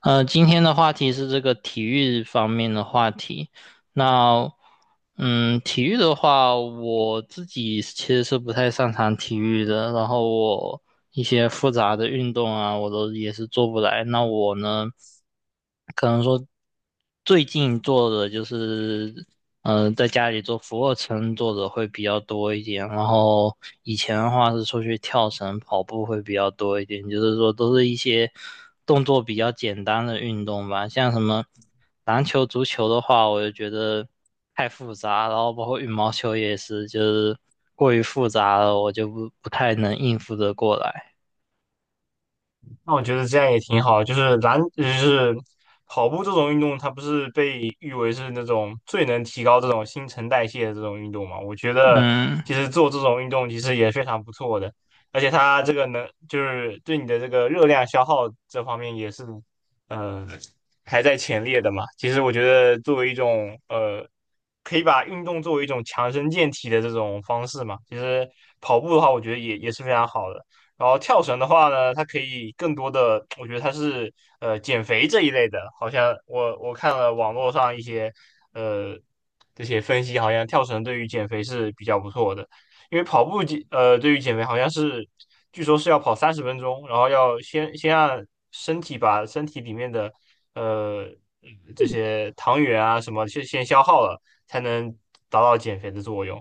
今天的话题是这个体育方面的话题。那。体育的话，我自己其实是不太擅长体育的，然后我一些复杂的运动啊，我都也是做不来。那我呢，可能说最近做的就是，在家里做俯卧撑做的会比较多一点，然后以前的话是出去跳绳、跑步会比较多一点，就是说都是一些动作比较简单的运动吧，像什么。篮球、足球的话，我就觉得太复杂，然后包括羽毛球也是，就是过于复杂了，我就不太能应付得过来。那我觉得这样也挺好，就是篮，就是跑步这种运动，它不是被誉为是那种最能提高这种新陈代谢的这种运动嘛？我觉得嗯其实做这种运动其实也非常不错的，而且它这个能就是对你的这个热量消耗这方面也是，呃，排在前列的嘛。其实我觉得作为一种可以把运动作为一种强身健体的这种方式嘛，其实跑步的话，我觉得也是非常好的。然后跳绳的话呢，它可以更多的，我觉得它是减肥这一类的，好像我看了网络上一些呃这些分析，好像跳绳对于减肥是比较不错的，因为跑步减呃对于减肥好像是据说是要跑30分钟，然后要先让身体把身体里面的呃这些糖原啊什么先消耗了，才能达到减肥的作用。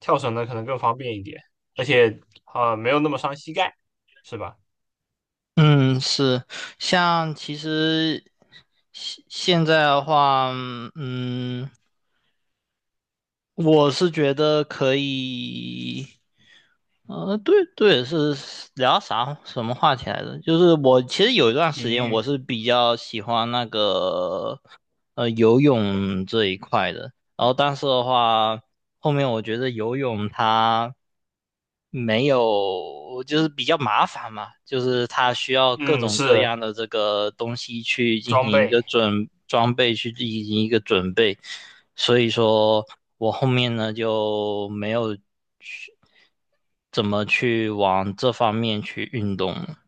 跳绳呢可能更方便一点。而且没有那么伤膝盖，是吧？嗯，是，像其实现在的话，嗯，我是觉得可以。对对，是聊什么话题来着？就是我其实有一段体时间我育，是比较喜欢那个游泳这一块的。然后，但是的话，后面我觉得游泳它没有，就是比较麻烦嘛，就是它需要各嗯，种各是样的这个东西去进装行一个备。准装备，去进行一个准备。所以说我后面呢就没有去怎么去往这方面去运动了。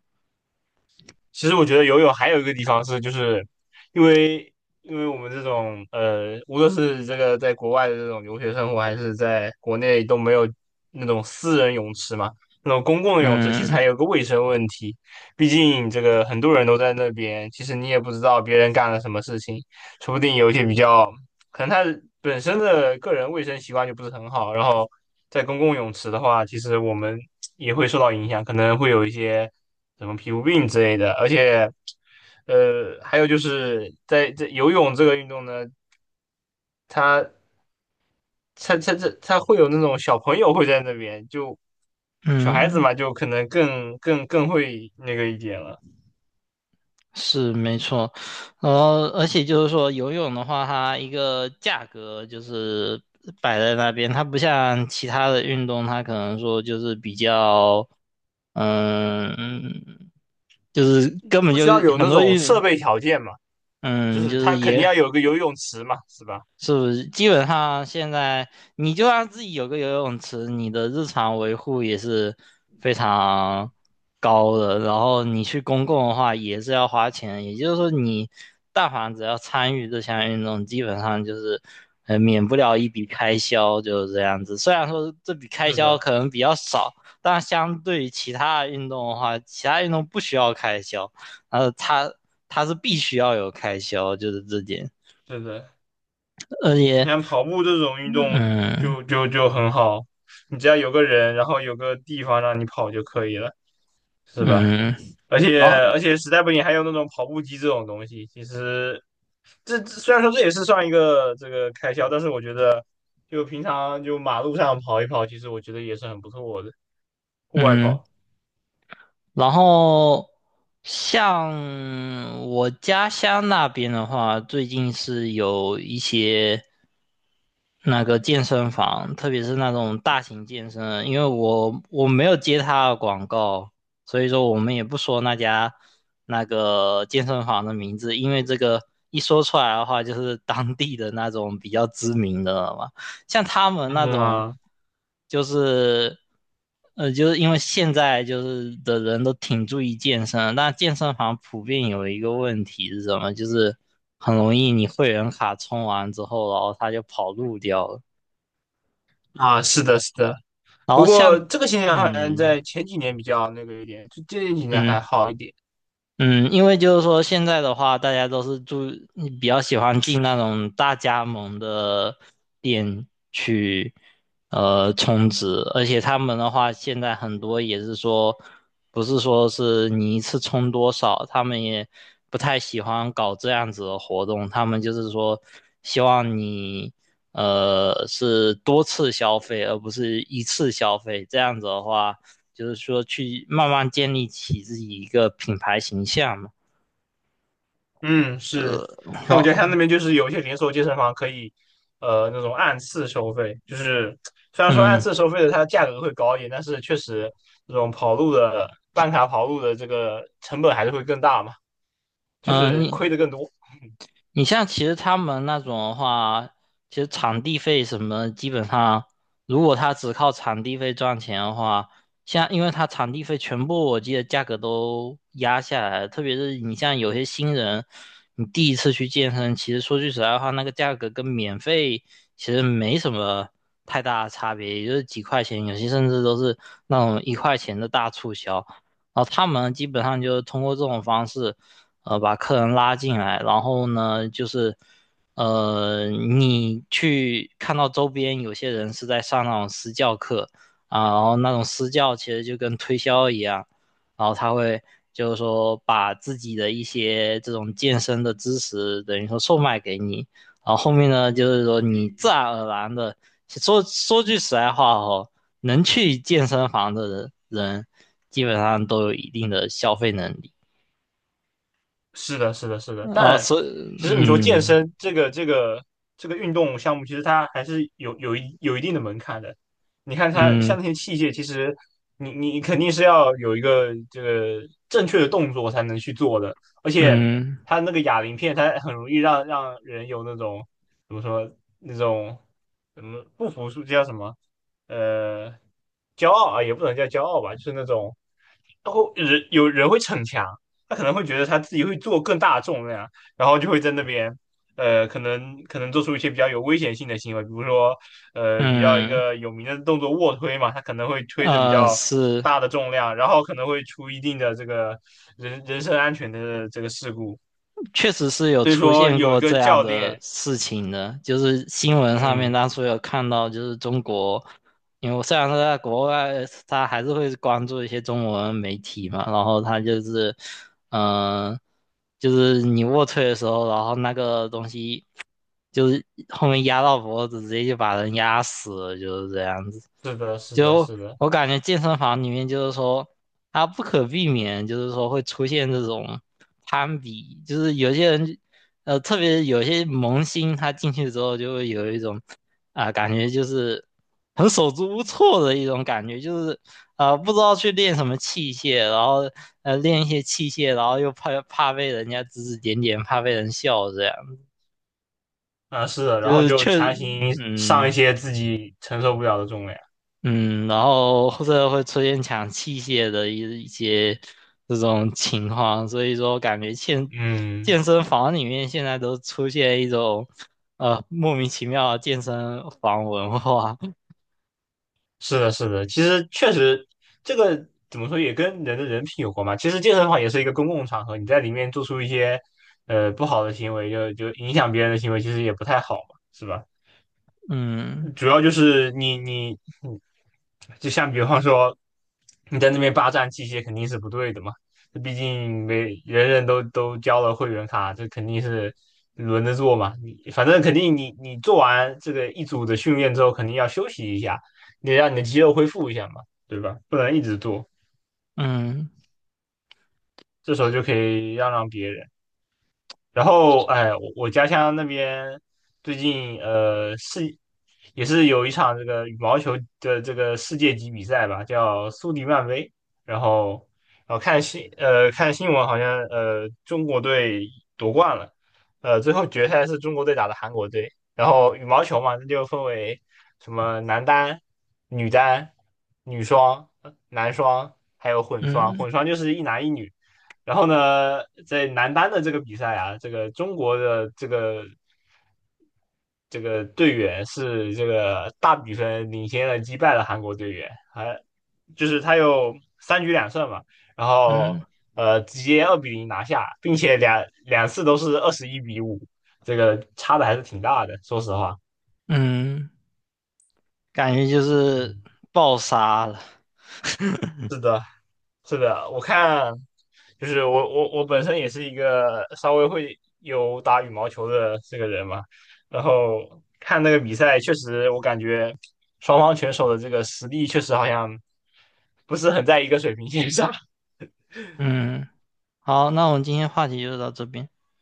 其实我觉得游泳还有一个地方是，就是因为因为我们这种无论是这个在国外的这种留学生活，还是在国内都没有那种私人泳池嘛，那种公共的泳池其实嗯还有个卫生问题。毕竟这个很多人都在那边，其实你也不知道别人干了什么事情，说不定有一些比较可能他本身的个人卫生习惯就不是很好，然后在公共泳池的话，其实我们也会受到影响，可能会有一些什么皮肤病之类的，而且，还有就是在游泳这个运动呢，它它会有那种小朋友会在那边，就小孩子嗯。嘛，就可能更会那个一点了，是没错，然后而且就是说游泳的话，它一个价格就是摆在那边，它不像其他的运动，它可能说就是比较，嗯，就是根本不就需要有很那多种设运，备条件嘛，就嗯，是就他是肯定也要有个游泳池嘛，是吧？是不是基本上现在你就让自己有个游泳池，你的日常维护也是非常高的。然后你去公共的话也是要花钱，也就是说你但凡只要参与这项运动，基本上就是免不了一笔开销，就是这样子。虽然说这笔开是销的，可能比较少，但相对于其他的运动的话，其他运动不需要开销，呃，它它是必须要有开销，就是这点。是的。而你且。看跑步这种运动嗯就很好，你只要有个人，然后有个地方让你跑就可以了，是吧？嗯。而且然后而且实在不行还有那种跑步机这种东西，其实这虽然说这也是算一个这个开销，但是我觉得就平常就马路上跑一跑，其实我觉得也是很不错的，户外嗯，跑。然后像我家乡那边的话，最近是有一些那个健身房，特别是那种大型健身，因为我没有接他的广告，所以说我们也不说那家那个健身房的名字，因为这个一说出来的话，就是当地的那种比较知名的了嘛。像他们嗯那种，啊，就是就是因为现在就是的人都挺注意健身，但健身房普遍有一个问题是什么？就是很容易你会员卡充完之后，然后他就跑路掉了。啊是的，是的。然不后像过这个现象好像嗯在前几年比较那个一点，就这几年嗯，还好一点。嗯，因为就是说现在的话，大家都是住，比较喜欢进那种大加盟的店去，充值，而且他们的话，现在很多也是说，不是说是你一次充多少，他们也不太喜欢搞这样子的活动，他们就是说，希望你，是多次消费，而不是一次消费，这样子的话。就是说去慢慢建立起自己一个品牌形象嘛。嗯，是，像我家得他那好，边就是有一些连锁健身房可以，那种按次收费，就是虽然说按嗯次收费的它价格会高一点，但是确实这种跑路的办卡跑路的这个成本还是会更大嘛，就嗯。呃是亏你的更多。你像其实他们那种的话，其实场地费什么的基本上如果他只靠场地费赚钱的话，像因为他场地费全部我记得价格都压下来了特别是你像有些新人，你第一次去健身，其实说句实在话，那个价格跟免费其实没什么太大的差别，也就是几块钱，有些甚至都是那种一块钱的大促销。然后他们基本上就是通过这种方式。把客人拉进来，然后呢，就是你去看到周边有些人是在上那种私教课啊，然后那种私教其实就跟推销一样，然后他会就是说把自己的一些这种健身的知识等于说售卖给你，然后后面呢，就是说你自然而然的说句实在话哦，能去健身房的人基本上都有一定的消费能力。是的，是的，是的，哦，但所以，其实你说健嗯身这个运动项目，其实它还是有一定的门槛的。你看它像嗯那些器械，其实你肯定是要有一个这个正确的动作才能去做的，而且嗯它那个哑铃片，它很容易让人有那种怎么说那种怎么不服输，叫什么呃骄傲啊，也不能叫骄傲吧，就是那种然后人有人会逞强。他可能会觉得他自己会做更大的重量，然后就会在那边，可能做出一些比较有危险性的行为，比如说，比较一嗯，个有名的动作卧推嘛，他可能会推的比较是，大的重量，然后可能会出一定的这个人身安全的这个事故。确实是有所以出说，现有一过个这样教的练，事情的，就是新闻上面嗯，当初有看到，就是中国，因为我虽然说在国外，他还是会关注一些中文媒体嘛，然后他就是，嗯、就是你卧推的时候，然后那个东西。就是后面压到脖子，直接就把人压死了，就是这样子。是的，是的，就是的，我感觉健身房里面就是说，他不可避免，就是说会出现这种攀比，就是有些人，特别有些萌新，他进去之后就会有一种，啊，感觉就是很手足无措的一种感觉，就是啊，不知道去练什么器械，然后练一些器械，然后又怕被人家指指点点，怕被人笑这样。啊，是的，就然后是就确，强行上嗯一些自己承受不了的重量，嗯，然后或者会出现抢器械的一些这种情况，所以说感觉健嗯。健身房里面现在都出现一种莫名其妙的健身房文化，是的，是的，其实确实，这个怎么说也跟人的人品有关嘛。其实健身房也是一个公共场合，你在里面做出一些不好的行为，就影响别人的行为，其实也不太好嘛，是吧？嗯主要就是你就像比方说你在那边霸占器械肯定是不对的嘛，毕竟每人都交了会员卡，这肯定是轮着做嘛。你反正肯定你做完这个一组的训练之后，肯定要休息一下，你让你的肌肉恢复一下嘛，对吧？不能一直做，嗯这时候就可以让别人。然后，哎，我家乡那边最近也是有一场这个羽毛球的这个世界级比赛吧，叫苏迪曼杯。然后，看新闻，好像中国队夺冠了，呃最后决赛是中国队打的韩国队。然后羽毛球嘛，那就分为什么男单、女单、女双、男双，还有混双。混嗯双就是一男一女。然后呢，在男单的这个比赛啊，这个中国的这个队员是这个大比分领先了击败了韩国队员，还就是他有3局2胜嘛，然后嗯直接2-0拿下，并且两次都是21-5，这个差的还是挺大的，说实话。嗯，感觉就是嗯，爆杀了，是的，是的，我看就是我本身也是一个稍微会有打羽毛球的这个人嘛，然后看那个比赛，确实我感觉双方选手的这个实力确实好像不是很在一个水平线上。嗯，好，那我们今天话题就到这边。